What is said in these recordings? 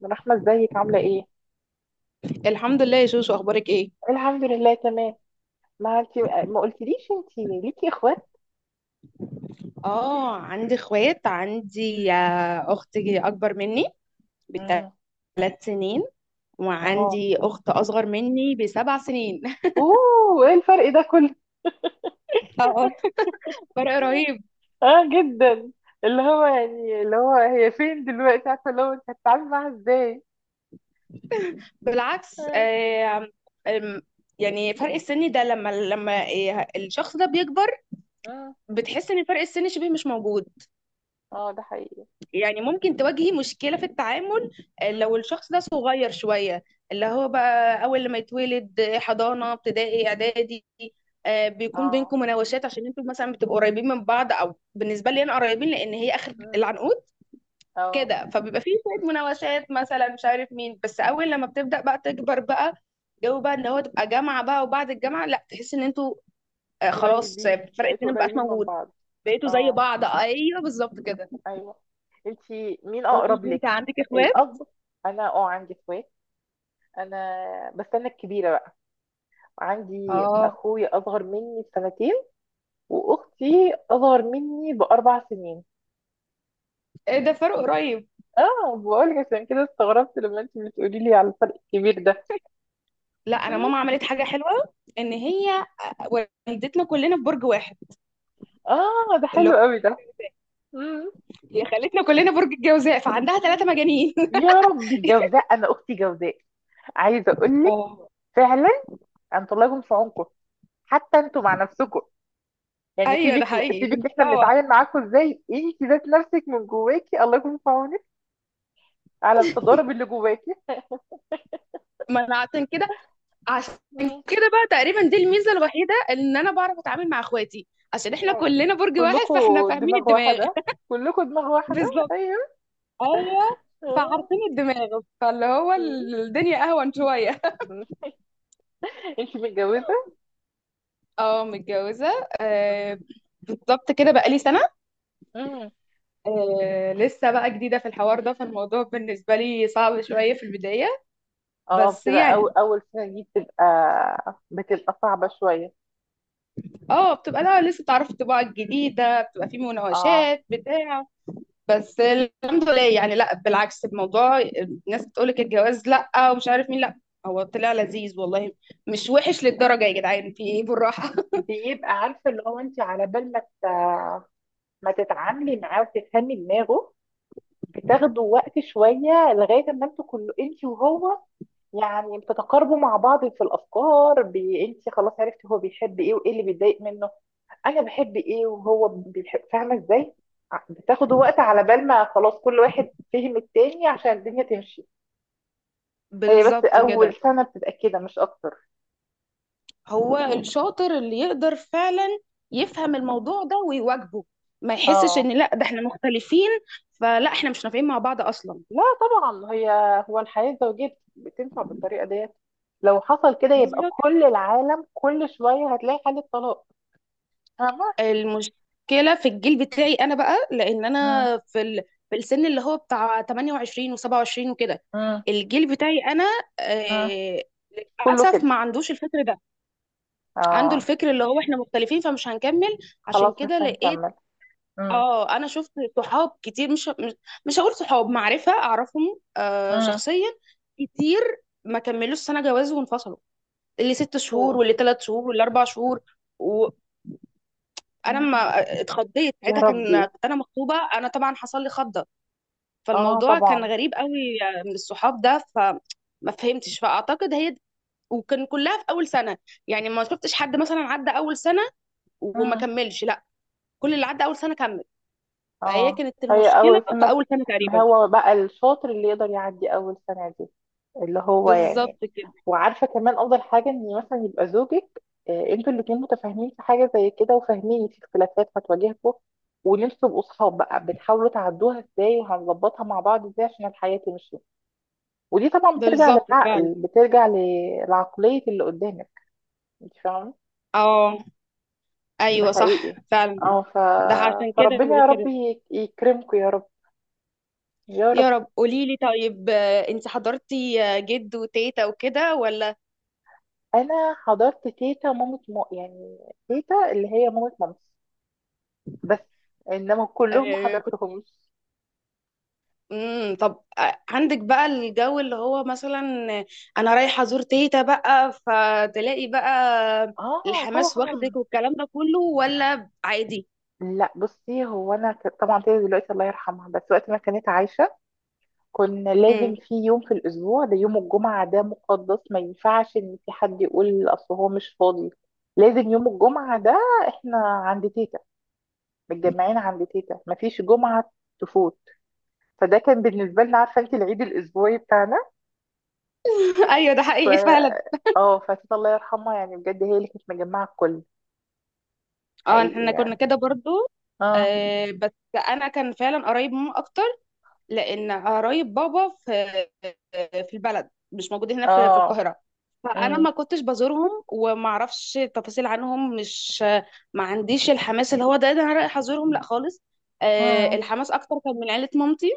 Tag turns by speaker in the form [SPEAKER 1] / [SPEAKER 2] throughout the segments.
[SPEAKER 1] من رحمة ازيك عاملة ايه؟
[SPEAKER 2] الحمد لله يا شوشو، اخبارك ايه؟
[SPEAKER 1] الحمد لله تمام. ما انت ما قلتليش انت ليكي اخوات؟
[SPEAKER 2] اه، عندي اخوات. عندي اختي اكبر مني
[SPEAKER 1] امم
[SPEAKER 2] ب3 سنين،
[SPEAKER 1] اه.
[SPEAKER 2] وعندي اخت اصغر مني ب7 سنين.
[SPEAKER 1] اوه ايه الفرق ده كله؟
[SPEAKER 2] اه، فرق رهيب.
[SPEAKER 1] اه جدا. اللي هو هي فين دلوقتي عارفة اللي هو انت هتتعامل معاها ازاي؟
[SPEAKER 2] بالعكس
[SPEAKER 1] اه.
[SPEAKER 2] آم، يعني فرق السن ده لما الشخص ده بيكبر،
[SPEAKER 1] اه.
[SPEAKER 2] بتحس ان فرق السن شبه مش موجود.
[SPEAKER 1] آه، ده حقيقي.
[SPEAKER 2] يعني ممكن تواجهي مشكلة في التعامل،
[SPEAKER 1] مم.
[SPEAKER 2] لو الشخص ده صغير شوية، اللي هو بقى أول لما يتولد، حضانة ابتدائي إعدادي، بيكون
[SPEAKER 1] اه.
[SPEAKER 2] بينكم مناوشات عشان انتوا مثلا بتبقوا قريبين من بعض، او بالنسبة لي انا، قريبين لان هي اخر
[SPEAKER 1] مم.
[SPEAKER 2] العنقود
[SPEAKER 1] اه.
[SPEAKER 2] كده، فبيبقى فيه
[SPEAKER 1] مم.
[SPEAKER 2] شوية مناوشات، مثلا مش عارف مين. بس اول لما بتبدأ بقى تكبر بقى، جو بقى ان هو تبقى جامعة بقى وبعد الجامعة، لا، تحس ان انتوا خلاص، فرق
[SPEAKER 1] بقيتوا
[SPEAKER 2] السن مبقاش
[SPEAKER 1] قريبين من
[SPEAKER 2] موجود.
[SPEAKER 1] بعض.
[SPEAKER 2] بقيتوا زي
[SPEAKER 1] اه.
[SPEAKER 2] بعض، ايوه بالظبط كده.
[SPEAKER 1] ايوه. انت مين
[SPEAKER 2] قولي
[SPEAKER 1] اقرب
[SPEAKER 2] لي
[SPEAKER 1] لك؟
[SPEAKER 2] انت، عندك اخوات؟
[SPEAKER 1] الاب. انا اه عندي اخوات. انا بس انا الكبيرة. عندي
[SPEAKER 2] اه،
[SPEAKER 1] اخويا اصغر مني بسنتين. واختي اصغر مني باربع سنين.
[SPEAKER 2] إيه ده فرق قريب.
[SPEAKER 1] اه بقول لك عشان كده استغربت لما انت بتقولي لي على الفرق الكبير ده.
[SPEAKER 2] لا، انا
[SPEAKER 1] مم.
[SPEAKER 2] ماما عملت حاجه حلوه، ان هي والدتنا كلنا في برج واحد.
[SPEAKER 1] اه ده
[SPEAKER 2] اللي هو
[SPEAKER 1] حلو قوي ده. مم.
[SPEAKER 2] هي خلتنا كلنا برج الجوزاء، فعندها ثلاثه
[SPEAKER 1] مم.
[SPEAKER 2] مجانين
[SPEAKER 1] يا ربي جوزاء انا اختي جوزاء. عايزه اقول لك.
[SPEAKER 2] اه،
[SPEAKER 1] فعلا. انتوا الله يكون في عونكم. حتى انتوا مع نفسكم. يعني
[SPEAKER 2] ايوه ده
[SPEAKER 1] سيبك.
[SPEAKER 2] حقيقي،
[SPEAKER 1] سيبك احنا
[SPEAKER 2] بنتسوى.
[SPEAKER 1] بنتعامل معاكم ازاي انت ذات نفسك من جواكي الله يكون في عونك على التضارب اللي جواكي.
[SPEAKER 2] ما انا عشان كده عشان كده بقى تقريبا دي الميزه الوحيده، ان انا بعرف اتعامل مع اخواتي عشان احنا
[SPEAKER 1] آه.
[SPEAKER 2] كلنا برج واحد،
[SPEAKER 1] كلكم
[SPEAKER 2] فاحنا فاهمين
[SPEAKER 1] دماغ
[SPEAKER 2] الدماغ.
[SPEAKER 1] واحدة. كلكم دماغ واحدة.
[SPEAKER 2] بالظبط.
[SPEAKER 1] ايوه.
[SPEAKER 2] ايوه.
[SPEAKER 1] مم.
[SPEAKER 2] فعارفين الدماغ، فاللي هو الدنيا اهون شويه.
[SPEAKER 1] مم. انتي متجوزة؟
[SPEAKER 2] اه، متجوزه
[SPEAKER 1] مم.
[SPEAKER 2] آه. بالظبط كده، بقالي سنه.
[SPEAKER 1] مم.
[SPEAKER 2] آه، لسه بقى جديدة في الحوار ده، فالموضوع بالنسبة لي صعب شوية في البداية.
[SPEAKER 1] اه
[SPEAKER 2] بس
[SPEAKER 1] بتبقى أول
[SPEAKER 2] يعني
[SPEAKER 1] أول سنة دي بتبقى صعبة شوية.
[SPEAKER 2] اه، بتبقى، لا، لسه بتعرف الطباعة الجديدة، بتبقى في
[SPEAKER 1] اه
[SPEAKER 2] مناقشات بتاع. بس الحمد لله يعني، لا، بالعكس الموضوع. الناس بتقولك الجواز لا، ومش عارف مين لا، هو طلع لذيذ والله. مش وحش للدرجة يا جدعان، في ايه، بالراحة.
[SPEAKER 1] بيبقى عارفه اللي هو انت على بال ما تتعاملي معاه وتفهمي دماغه. بتاخدوا وقت شويه لغايه ما انتوا كله انت وهو. يعني بتتقاربوا مع بعض في الافكار انت خلاص عرفتي هو بيحب ايه وايه اللي بيتضايق منه. انا بحب ايه وهو بيحب فاهمه ازاي. بتاخد وقت على بال ما خلاص كل واحد فهم التاني عشان الدنيا تمشي. هي بس
[SPEAKER 2] بالظبط
[SPEAKER 1] اول
[SPEAKER 2] كده.
[SPEAKER 1] سنه بتبقى كده مش اكتر.
[SPEAKER 2] هو الشاطر اللي يقدر فعلا يفهم الموضوع ده ويواجهه، ما يحسش
[SPEAKER 1] اه.
[SPEAKER 2] ان لا ده احنا مختلفين، فلا احنا مش نافعين مع بعض اصلا.
[SPEAKER 1] لا طبعا هي هو الحياه الزوجيه بتنفع بالطريقه ديت. لو حصل كده يبقى
[SPEAKER 2] بالظبط.
[SPEAKER 1] كل العالم كل شويه هتلاقي حاله طلاق. فاهمه.
[SPEAKER 2] المشكله في الجيل بتاعي انا بقى، لان
[SPEAKER 1] مم.
[SPEAKER 2] انا في السن اللي هو بتاع 28 و27 وكده.
[SPEAKER 1] مم.
[SPEAKER 2] الجيل بتاعي انا
[SPEAKER 1] مم.
[SPEAKER 2] آه...
[SPEAKER 1] كله
[SPEAKER 2] للاسف
[SPEAKER 1] كده.
[SPEAKER 2] ما عندوش الفكر ده. عنده
[SPEAKER 1] اه.
[SPEAKER 2] الفكر اللي هو احنا مختلفين فمش هنكمل.
[SPEAKER 1] خلاص
[SPEAKER 2] عشان كده
[SPEAKER 1] مش
[SPEAKER 2] لقيت،
[SPEAKER 1] هنكمل. مم.
[SPEAKER 2] اه، انا شفت صحاب كتير مش. مش هقول صحاب معرفه، اعرفهم آه
[SPEAKER 1] مم.
[SPEAKER 2] شخصيا، كتير ما كملوش سنه جواز وانفصلوا. اللي 6 شهور
[SPEAKER 1] أوه.
[SPEAKER 2] واللي 3 شهور واللي 4 شهور. وانا ما
[SPEAKER 1] مم.
[SPEAKER 2] اتخضيت
[SPEAKER 1] يا
[SPEAKER 2] ساعتها،
[SPEAKER 1] ربي.
[SPEAKER 2] كنت انا مخطوبه، انا طبعا حصل لي خضه.
[SPEAKER 1] اه
[SPEAKER 2] فالموضوع كان
[SPEAKER 1] طبعا.
[SPEAKER 2] غريب قوي من الصحاب ده، فما فهمتش. فاعتقد هي وكان كلها في اول سنه. يعني ما شفتش حد مثلا عدى اول سنه وما
[SPEAKER 1] مم.
[SPEAKER 2] كملش، لا، كل اللي عدى اول سنه كمل. فهي
[SPEAKER 1] اه.
[SPEAKER 2] كانت
[SPEAKER 1] هي
[SPEAKER 2] المشكله
[SPEAKER 1] اول
[SPEAKER 2] في
[SPEAKER 1] سنه.
[SPEAKER 2] اول سنه
[SPEAKER 1] ما
[SPEAKER 2] تقريبا.
[SPEAKER 1] هو بقى الشاطر اللي يقدر يعدي اول سنه دي. اللي هو يعني.
[SPEAKER 2] بالظبط كده.
[SPEAKER 1] وعارفه كمان افضل حاجه ان مثلا يبقى زوجك آه، انتوا الاتنين متفاهمين في حاجه زي كده وفاهمين في اختلافات هتواجهكم. وان انتوا تبقوا صحاب بقى بتحاولوا تعدوها ازاي وهنظبطها مع بعض ازاي عشان الحياه تمشي. ودي طبعا بترجع
[SPEAKER 2] بالظبط
[SPEAKER 1] للعقل
[SPEAKER 2] فعلا.
[SPEAKER 1] لعقليه اللي قدامك. انت فاهمه.
[SPEAKER 2] اه
[SPEAKER 1] ده
[SPEAKER 2] ايوه صح
[SPEAKER 1] حقيقي.
[SPEAKER 2] فعلا.
[SPEAKER 1] اه
[SPEAKER 2] ده عشان كده
[SPEAKER 1] فربنا
[SPEAKER 2] بقول
[SPEAKER 1] يا رب
[SPEAKER 2] كده.
[SPEAKER 1] يك- يكرمكم يا رب. يا رب.
[SPEAKER 2] يا رب، قولي لي طيب، انت حضرتي جد وتيتا وكده ولا؟
[SPEAKER 1] انا حضرت تيتا مامة مو يعني. تيتا اللي هي مامة مامتي بس. انما كلهم ما
[SPEAKER 2] كنت
[SPEAKER 1] حضرتهمش.
[SPEAKER 2] طب عندك بقى الجو اللي هو مثلا انا رايحه ازور تيتا بقى فتلاقي بقى
[SPEAKER 1] اه
[SPEAKER 2] الحماس
[SPEAKER 1] طبعا.
[SPEAKER 2] واخدك والكلام ده كله، ولا عادي؟
[SPEAKER 1] لا بصي هو انا طبعا تيتا دلوقتي الله يرحمها بس وقت ما كانت عايشه. كنا لازم
[SPEAKER 2] امم.
[SPEAKER 1] في يوم في الاسبوع ده يوم الجمعه ده مقدس ما ينفعش ان في حد يقول اصل هو مش فاضي. لازم يوم الجمعه ده احنا عند تيتا متجمعين عند تيتا مفيش جمعه تفوت. فده كان بالنسبه لنا عارفه انت العيد الاسبوعي بتاعنا.
[SPEAKER 2] ايوه ده
[SPEAKER 1] ف
[SPEAKER 2] حقيقي فعلا.
[SPEAKER 1] اه فكده الله يرحمها يعني بجد هي اللي كانت مجمعة الكل.
[SPEAKER 2] اه
[SPEAKER 1] حقيقي
[SPEAKER 2] احنا كنا
[SPEAKER 1] يعني.
[SPEAKER 2] كده برضو،
[SPEAKER 1] اه.
[SPEAKER 2] بس انا كان فعلا قريب ماما اكتر، لان قرايب بابا في البلد، مش موجود هنا في
[SPEAKER 1] اه.
[SPEAKER 2] القاهره. فانا
[SPEAKER 1] امم.
[SPEAKER 2] ما كنتش بزورهم وما اعرفش تفاصيل عنهم، مش ما عنديش الحماس اللي هو ده انا رايح ازورهم، لا خالص.
[SPEAKER 1] امم.
[SPEAKER 2] الحماس اكتر كان من عيله مامتي،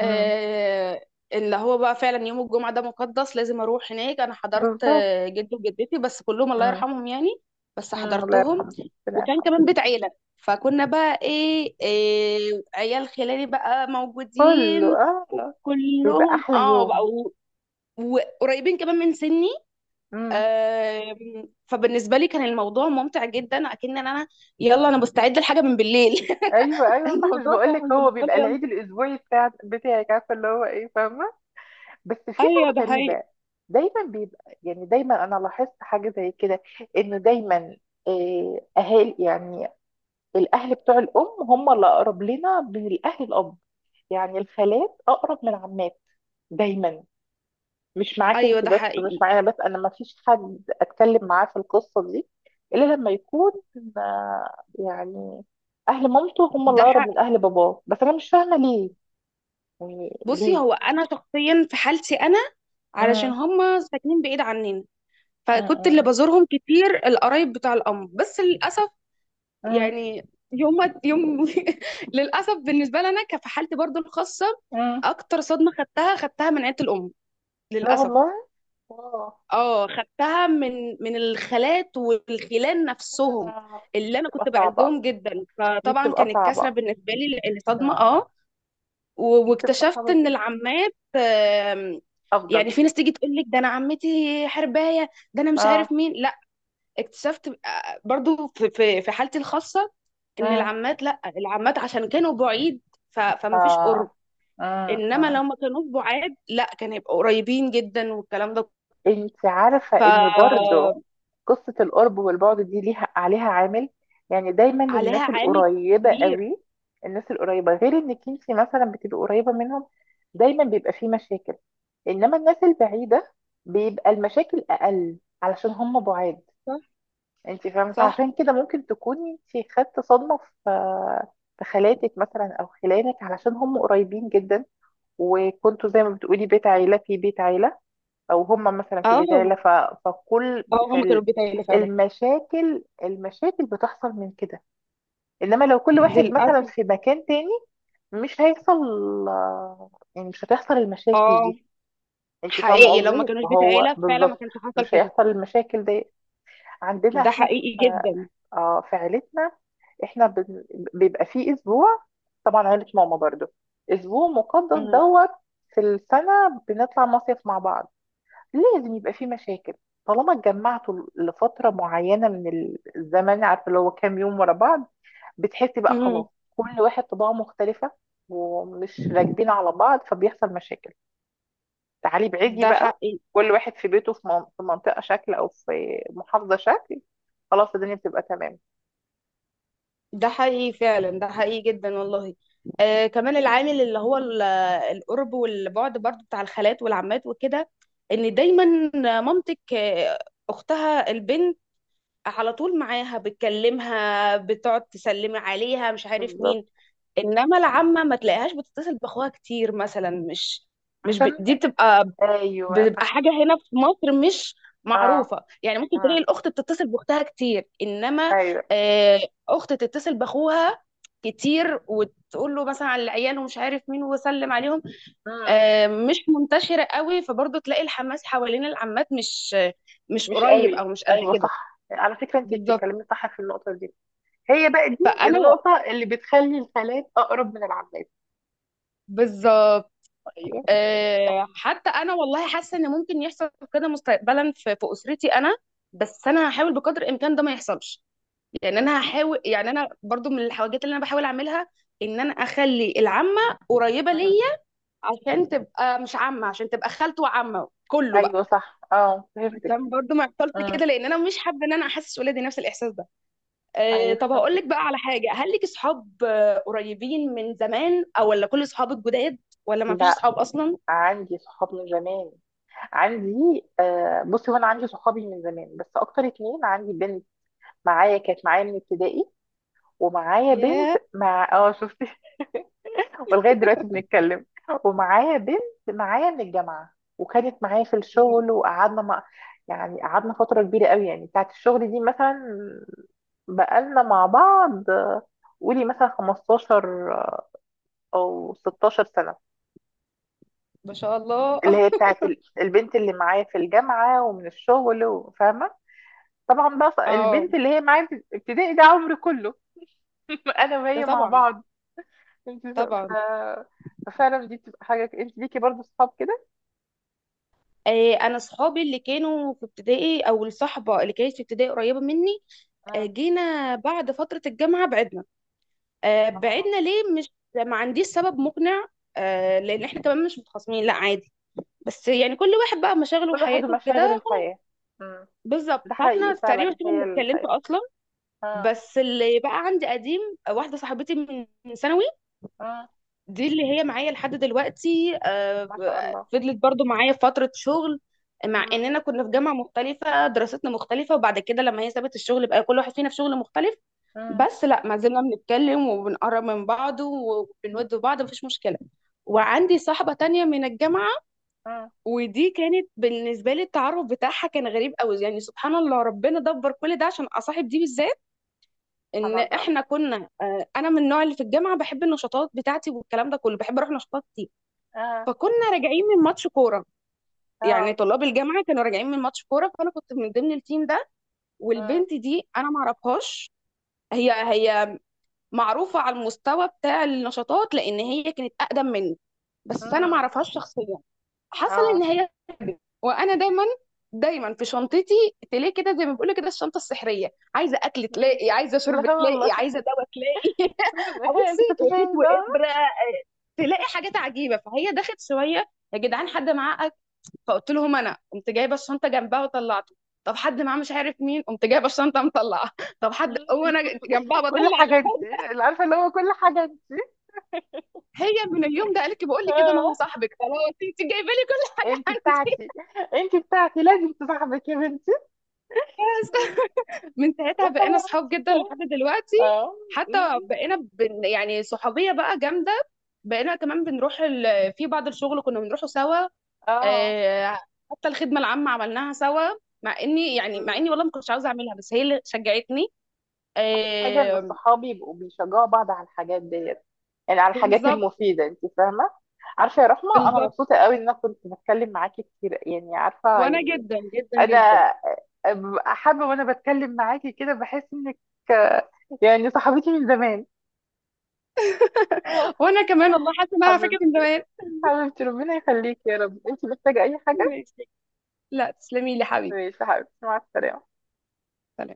[SPEAKER 1] امم.
[SPEAKER 2] اللي هو بقى فعلا يوم الجمعة ده مقدس، لازم أروح هناك. أنا حضرت
[SPEAKER 1] بالظبط.
[SPEAKER 2] جدي وجدتي بس، كلهم الله
[SPEAKER 1] امم.
[SPEAKER 2] يرحمهم يعني، بس
[SPEAKER 1] امم. الله
[SPEAKER 2] حضرتهم.
[SPEAKER 1] يرحمه. ربنا
[SPEAKER 2] وكان
[SPEAKER 1] يرحمه.
[SPEAKER 2] كمان بيت عيلة، فكنا بقى إيه, عيال خلاني بقى
[SPEAKER 1] كله
[SPEAKER 2] موجودين
[SPEAKER 1] اه. بيبقى
[SPEAKER 2] كلهم،
[SPEAKER 1] احلى
[SPEAKER 2] اه
[SPEAKER 1] يوم.
[SPEAKER 2] بقوا، وقريبين كمان من سني.
[SPEAKER 1] امم.
[SPEAKER 2] فبالنسبة لي كان الموضوع ممتع جدا، أكن أنا يلا أنا مستعدة لحاجة من بالليل.
[SPEAKER 1] ايوه ايوه صح مش
[SPEAKER 2] الموضوع
[SPEAKER 1] بقول لك
[SPEAKER 2] كان
[SPEAKER 1] هو
[SPEAKER 2] بالنسبة
[SPEAKER 1] بيبقى
[SPEAKER 2] لي يلا.
[SPEAKER 1] العيد الاسبوعي بتاعك عارفه اللي هو ايه فاهمه. بس في
[SPEAKER 2] أيوه
[SPEAKER 1] حاجه
[SPEAKER 2] ده حقيقي.
[SPEAKER 1] غريبه. دايما بيبقى يعني دايما انا لاحظت حاجه زي كده. انه دايما آه، اهالي يعني الاهل بتوع الام هم اللي اقرب لنا من الاهل الاب. يعني الخالات اقرب من العمات دايما. مش معاكي
[SPEAKER 2] أيوه
[SPEAKER 1] انت
[SPEAKER 2] ده
[SPEAKER 1] بس مش
[SPEAKER 2] حقيقي.
[SPEAKER 1] معايا بس انا ما فيش حد اتكلم معاه في القصه دي. الا لما يكون آه، يعني اهل مامته هم اللي
[SPEAKER 2] ده
[SPEAKER 1] اقرب من
[SPEAKER 2] حقيقي.
[SPEAKER 1] اهل باباه. بس انا مش فاهمه ليه. يعني
[SPEAKER 2] بصي،
[SPEAKER 1] ليه.
[SPEAKER 2] هو انا شخصيا في حالتي انا، علشان
[SPEAKER 1] امم.
[SPEAKER 2] هما ساكنين بعيد عننا، فكنت اللي
[SPEAKER 1] امم.
[SPEAKER 2] بزورهم كتير القرايب بتاع الام، بس للاسف
[SPEAKER 1] امم.
[SPEAKER 2] يعني، يوم يوم. للاسف بالنسبه لنا، كفي حالتي برضو الخاصه،
[SPEAKER 1] امم.
[SPEAKER 2] اكتر صدمه خدتها من عيله الام
[SPEAKER 1] لا
[SPEAKER 2] للاسف.
[SPEAKER 1] والله. اه.
[SPEAKER 2] اه خدتها من الخالات والخلان نفسهم،
[SPEAKER 1] آه، دي
[SPEAKER 2] اللي انا كنت
[SPEAKER 1] بتبقى صعبه.
[SPEAKER 2] بعزهم جدا،
[SPEAKER 1] دي
[SPEAKER 2] فطبعا
[SPEAKER 1] بتبقى
[SPEAKER 2] كانت كسره
[SPEAKER 1] صعبه.
[SPEAKER 2] بالنسبه لي لان صدمه
[SPEAKER 1] امم.
[SPEAKER 2] اه.
[SPEAKER 1] دي بتبقى
[SPEAKER 2] واكتشفت
[SPEAKER 1] صعبه
[SPEAKER 2] ان
[SPEAKER 1] جدا.
[SPEAKER 2] العمات
[SPEAKER 1] افضل.
[SPEAKER 2] يعني في ناس تيجي تقول لك ده انا عمتي حربايه، ده انا مش عارف
[SPEAKER 1] اه.
[SPEAKER 2] مين لا. اكتشفت برضو في حالتي الخاصه ان
[SPEAKER 1] مم.
[SPEAKER 2] العمات، لا، العمات عشان كانوا بعيد فما فيش
[SPEAKER 1] آه.
[SPEAKER 2] قرب.
[SPEAKER 1] مم.
[SPEAKER 2] انما
[SPEAKER 1] مم.
[SPEAKER 2] لو ما كانوا بعاد، لا، كان هيبقوا قريبين جدا والكلام ده.
[SPEAKER 1] انت عارفة ان برضو
[SPEAKER 2] فعليها
[SPEAKER 1] قصة القرب والبعد دي ليها عليها عامل. يعني دايما الناس
[SPEAKER 2] عامل
[SPEAKER 1] القريبة
[SPEAKER 2] كبير.
[SPEAKER 1] قوي. الناس القريبة غير انك انت مثلا بتبقي قريبة منهم دايما بيبقى فيه مشاكل. انما الناس البعيدة بيبقى المشاكل اقل علشان هم بعاد.
[SPEAKER 2] صح.
[SPEAKER 1] انت فاهمة فعشان
[SPEAKER 2] صح.
[SPEAKER 1] كده ممكن تكوني انت خدت صدمة في خالاتك مثلا او خلانك علشان هم قريبين جدا. وكنتوا زي ما بتقولي بيت عيلة في بيت عيلة. أو هما مثلا في بيت عيلة
[SPEAKER 2] اه.
[SPEAKER 1] فكل
[SPEAKER 2] اه هما كانوا
[SPEAKER 1] فالمشاكل
[SPEAKER 2] في بيت عيله فعلا.
[SPEAKER 1] المشاكل المشاكل بتحصل من كده. إنما لو كل واحد
[SPEAKER 2] للاسف.
[SPEAKER 1] مثلا في مكان تاني مش هيحصل. يعني مش هتحصل المشاكل
[SPEAKER 2] اه
[SPEAKER 1] دي. انت فاهمة
[SPEAKER 2] حقيقي، لو ما
[SPEAKER 1] قصدي
[SPEAKER 2] كانوش بيت
[SPEAKER 1] فهو
[SPEAKER 2] عيله فعلا ما
[SPEAKER 1] بالظبط.
[SPEAKER 2] كانش حصل
[SPEAKER 1] مش
[SPEAKER 2] كده.
[SPEAKER 1] هيحصل المشاكل دي. عندنا
[SPEAKER 2] ده
[SPEAKER 1] احنا في
[SPEAKER 2] حقيقي جدا.
[SPEAKER 1] اه في عيلتنا. احنا بن- بيبقى فيه اسبوع طبعا عيلة ماما برضو اسبوع مقدس
[SPEAKER 2] مم.
[SPEAKER 1] دوت في السنة بنطلع مصيف مع بعض. لازم يبقى فيه مشاكل. طالما اتجمعتوا لفترة معينة من الزمن عارفة اللي هو كام يوم ورا بعض. بتحسي بقى
[SPEAKER 2] مم.
[SPEAKER 1] خلاص. كل واحد طباعه مختلفة. ومش راكبين على بعض فبيحصل مشاكل. تعالي بعيدي
[SPEAKER 2] ده
[SPEAKER 1] بقى.
[SPEAKER 2] حقيقي.
[SPEAKER 1] كل واحد في بيته في منطقة شكل أو في محافظة شكل. خلاص الدنيا بتبقى تمام.
[SPEAKER 2] ده حقيقي فعلا. ده حقيقي جدا والله. آه كمان العامل اللي هو القرب والبعد برضو، بتاع الخالات والعمات وكده، ان دايما مامتك اختها البنت على طول معاها، بتكلمها بتقعد تسلمي عليها مش عارف
[SPEAKER 1] بالظبط.
[SPEAKER 2] مين. انما العمه ما تلاقيهاش بتتصل باخوها كتير مثلا، مش مش ب...
[SPEAKER 1] عشان
[SPEAKER 2] دي بتبقى
[SPEAKER 1] أيوه
[SPEAKER 2] بتبقى
[SPEAKER 1] صح
[SPEAKER 2] حاجة هنا في مصر مش
[SPEAKER 1] اه
[SPEAKER 2] معروفة. يعني ممكن تلاقي
[SPEAKER 1] آه.
[SPEAKER 2] الأخت بتتصل بأختها كتير، إنما
[SPEAKER 1] أيوه.
[SPEAKER 2] آه، أخت تتصل بأخوها كتير وتقول له مثلا على العيال ومش عارف مين وسلم عليهم،
[SPEAKER 1] مم.
[SPEAKER 2] مش منتشرة قوي. فبرضه تلاقي الحماس حوالين العمات مش مش
[SPEAKER 1] مش
[SPEAKER 2] قريب
[SPEAKER 1] قوي
[SPEAKER 2] أو مش قد
[SPEAKER 1] أيوه
[SPEAKER 2] كده.
[SPEAKER 1] صح على فكرة أنت
[SPEAKER 2] بالظبط.
[SPEAKER 1] بتتكلمي صح في النقطة دي. هي بقى دي
[SPEAKER 2] فأنا و-
[SPEAKER 1] النقطة اللي بتخلي الخالات أقرب من العمات.
[SPEAKER 2] بالظبط.
[SPEAKER 1] أيوه صح.
[SPEAKER 2] حتى أنا والله حاسة إن ممكن يحصل كده مستقبلا في في أسرتي أنا، بس أنا هحاول بقدر الإمكان ده ما يحصلش. يعني
[SPEAKER 1] مم.
[SPEAKER 2] انا هحاول، يعني انا برضو من الحاجات اللي انا بحاول اعملها، ان انا اخلي العمه قريبه
[SPEAKER 1] مم.
[SPEAKER 2] ليا عشان تبقى مش عمه، عشان تبقى خالته وعمه كله بقى،
[SPEAKER 1] أيوه صح اه فهمتك.
[SPEAKER 2] عشان برضو ما يحصلش
[SPEAKER 1] مم.
[SPEAKER 2] كده، لان انا مش حابه ان انا احسس ولادي نفس الاحساس ده. أه
[SPEAKER 1] أيوه
[SPEAKER 2] طب هقول
[SPEAKER 1] فهمتك.
[SPEAKER 2] لك بقى على حاجه، هل لك اصحاب قريبين من زمان، او ولا كل اصحابك جداد، ولا ما فيش
[SPEAKER 1] لا.
[SPEAKER 2] اصحاب اصلا؟
[SPEAKER 1] عندي صحاب من زمان. عندي آه، بصي هو انا عندي صحابي من زمان بس اكتر اتنين عندي بنت معايا كانت معايا من ابتدائي. ومعايا بنت
[SPEAKER 2] ياه.
[SPEAKER 1] اه شفتي. ولغايه دلوقتي بنتكلم. ومعايا بنت معايا من الجامعه وكانت معايا في
[SPEAKER 2] مم.
[SPEAKER 1] الشغل وقعدنا يعني قعدنا فتره كبيره قوي يعني بتاعت الشغل دي مثلا بقالنا مع بعض آه، قولي مثلا 15 او 16 سنه.
[SPEAKER 2] ما شاء الله.
[SPEAKER 1] اللي هي بتاعت البنت اللي معايا في الجامعه ومن الشغل فاهمه. طبعا بقى
[SPEAKER 2] اه.
[SPEAKER 1] البنت اللي هي معايا في ابتدائي ده عمري كله. انا
[SPEAKER 2] ده
[SPEAKER 1] وهي مع
[SPEAKER 2] طبعا.
[SPEAKER 1] بعض. انت
[SPEAKER 2] طبعا.
[SPEAKER 1] ففعلا دي بتبقى حاجه انت ليكي برضو صحاب كده.
[SPEAKER 2] انا اصحابي اللي كانوا في ابتدائي، او الصحبه اللي كانت في ابتدائي، قريبه مني.
[SPEAKER 1] مم.
[SPEAKER 2] جينا بعد فترة الجامعة بعدنا،
[SPEAKER 1] اه.
[SPEAKER 2] بعدنا ليه؟ مش ما عنديش سبب مقنع. لأن احنا كمان مش متخاصمين لا، عادي، بس يعني كل واحد بقى مشاغله
[SPEAKER 1] كل واحد
[SPEAKER 2] وحياته وكده
[SPEAKER 1] ومشاغل
[SPEAKER 2] خلاص.
[SPEAKER 1] الحياه. مم.
[SPEAKER 2] بالظبط،
[SPEAKER 1] ده حقيقي
[SPEAKER 2] فاحنا تقريبا
[SPEAKER 1] فعلا
[SPEAKER 2] كده ما
[SPEAKER 1] هي
[SPEAKER 2] اتكلمت
[SPEAKER 1] الحياه.
[SPEAKER 2] أصلا.
[SPEAKER 1] اه.
[SPEAKER 2] بس اللي بقى عندي قديم، واحدة صاحبتي من ثانوي،
[SPEAKER 1] اه.
[SPEAKER 2] دي اللي هي معايا لحد دلوقتي.
[SPEAKER 1] ما شاء الله.
[SPEAKER 2] فضلت برضو معايا في فترة شغل، مع
[SPEAKER 1] مم.
[SPEAKER 2] اننا كنا في جامعة مختلفة، دراستنا مختلفة. وبعد كده لما هي سابت الشغل بقى، كل واحد فينا في شغل مختلف.
[SPEAKER 1] مم.
[SPEAKER 2] بس لا، ما زلنا بنتكلم وبنقرب من بعض وبنود بعض، مفيش مشكلة. وعندي صاحبة تانية من الجامعة،
[SPEAKER 1] مم.
[SPEAKER 2] ودي كانت بالنسبة لي التعرف بتاعها كان غريب قوي. يعني سبحان الله، ربنا دبر كل ده عشان أصاحب دي بالذات.
[SPEAKER 1] سبحان
[SPEAKER 2] إن
[SPEAKER 1] الله.
[SPEAKER 2] إحنا كنا أنا من النوع اللي في الجامعة بحب النشاطات بتاعتي والكلام ده كله، بحب أروح نشاطات كتير.
[SPEAKER 1] اه.
[SPEAKER 2] فكنا راجعين من ماتش كورة، يعني
[SPEAKER 1] اه.
[SPEAKER 2] طلاب الجامعة كانوا راجعين من ماتش كورة، فأنا كنت من ضمن التيم ده،
[SPEAKER 1] اه.
[SPEAKER 2] والبنت دي أنا معرفهاش. هي معروفة على المستوى بتاع النشاطات لأن هي كانت أقدم مني، بس أنا
[SPEAKER 1] مم.
[SPEAKER 2] معرفهاش شخصيا. حصل إن
[SPEAKER 1] اه.
[SPEAKER 2] هي وأنا دايما في شنطتي تلاقي كده، زي ما بيقولوا كده الشنطة السحرية، عايزة أكل
[SPEAKER 1] مم.
[SPEAKER 2] تلاقي، عايزة شرب
[SPEAKER 1] لا والله.
[SPEAKER 2] تلاقي، عايزة دواء تلاقي.
[SPEAKER 1] هي انت كنت
[SPEAKER 2] بصي، خيط
[SPEAKER 1] فين بقى.
[SPEAKER 2] وإبرة، تلاقي حاجات عجيبة. فهي دخلت شوية، يا جدعان حد معاه أكل؟ فقلت لهم أنا، قمت جايبة الشنطة جنبها وطلعته. طب حد معاه مش عارف مين، قمت جايبة الشنطة مطلعة. طب حد،
[SPEAKER 1] مم.
[SPEAKER 2] وأنا جنبها
[SPEAKER 1] كل
[SPEAKER 2] بطلع.
[SPEAKER 1] حاجه انت اللي عارفه اللي هو كل حاجه انت.
[SPEAKER 2] هي من اليوم ده قالت لي، بقول لي كده، انا هو
[SPEAKER 1] آه.
[SPEAKER 2] صاحبك خلاص، انت جايبه لي كل حاجه
[SPEAKER 1] انت
[SPEAKER 2] عندي.
[SPEAKER 1] بتاعتي. انت بتاعتي لازم تصاحبك يا بنتي.
[SPEAKER 2] من ساعتها
[SPEAKER 1] رقم
[SPEAKER 2] بقينا
[SPEAKER 1] واحد.
[SPEAKER 2] صحاب جدا لحد دلوقتي.
[SPEAKER 1] اه.
[SPEAKER 2] حتى
[SPEAKER 1] مم.
[SPEAKER 2] بقينا يعني صحوبيه بقى جامده. بقينا كمان بنروح في بعض الشغل كنا بنروحه سوا،
[SPEAKER 1] اه.
[SPEAKER 2] آه، حتى الخدمه العامه عملناها سوا، مع اني يعني، مع
[SPEAKER 1] مم.
[SPEAKER 2] اني والله ما كنتش عاوزه اعملها بس هي اللي شجعتني.
[SPEAKER 1] احلى حاجه ان
[SPEAKER 2] آه،
[SPEAKER 1] الصحاب يبقوا بيشجعوا بعض على الحاجات ديت. يعني على الحاجات
[SPEAKER 2] بالظبط.
[SPEAKER 1] المفيده انت فاهمه. عارفه يا رحمه انا
[SPEAKER 2] بالظبط،
[SPEAKER 1] مبسوطه قوي ان انا كنت بتكلم معاكي كتير يعني عارفه
[SPEAKER 2] وانا
[SPEAKER 1] يعني.
[SPEAKER 2] جدا جدا جدا.
[SPEAKER 1] انا ببقى حابه وانا بتكلم معاكي كده بحس انك آه، يعني صاحبتي من زمان آه،
[SPEAKER 2] وانا كمان والله حاسه ان انا فاكره من
[SPEAKER 1] حبيبتي.
[SPEAKER 2] زمان.
[SPEAKER 1] حبيبتي ربنا يخليكي يا رب انت محتاجه اي حاجه.
[SPEAKER 2] ماشي، لا تسلمي لي حبيبي.
[SPEAKER 1] ماشي يا حبيبتي مع السلامه.
[SPEAKER 2] سلام.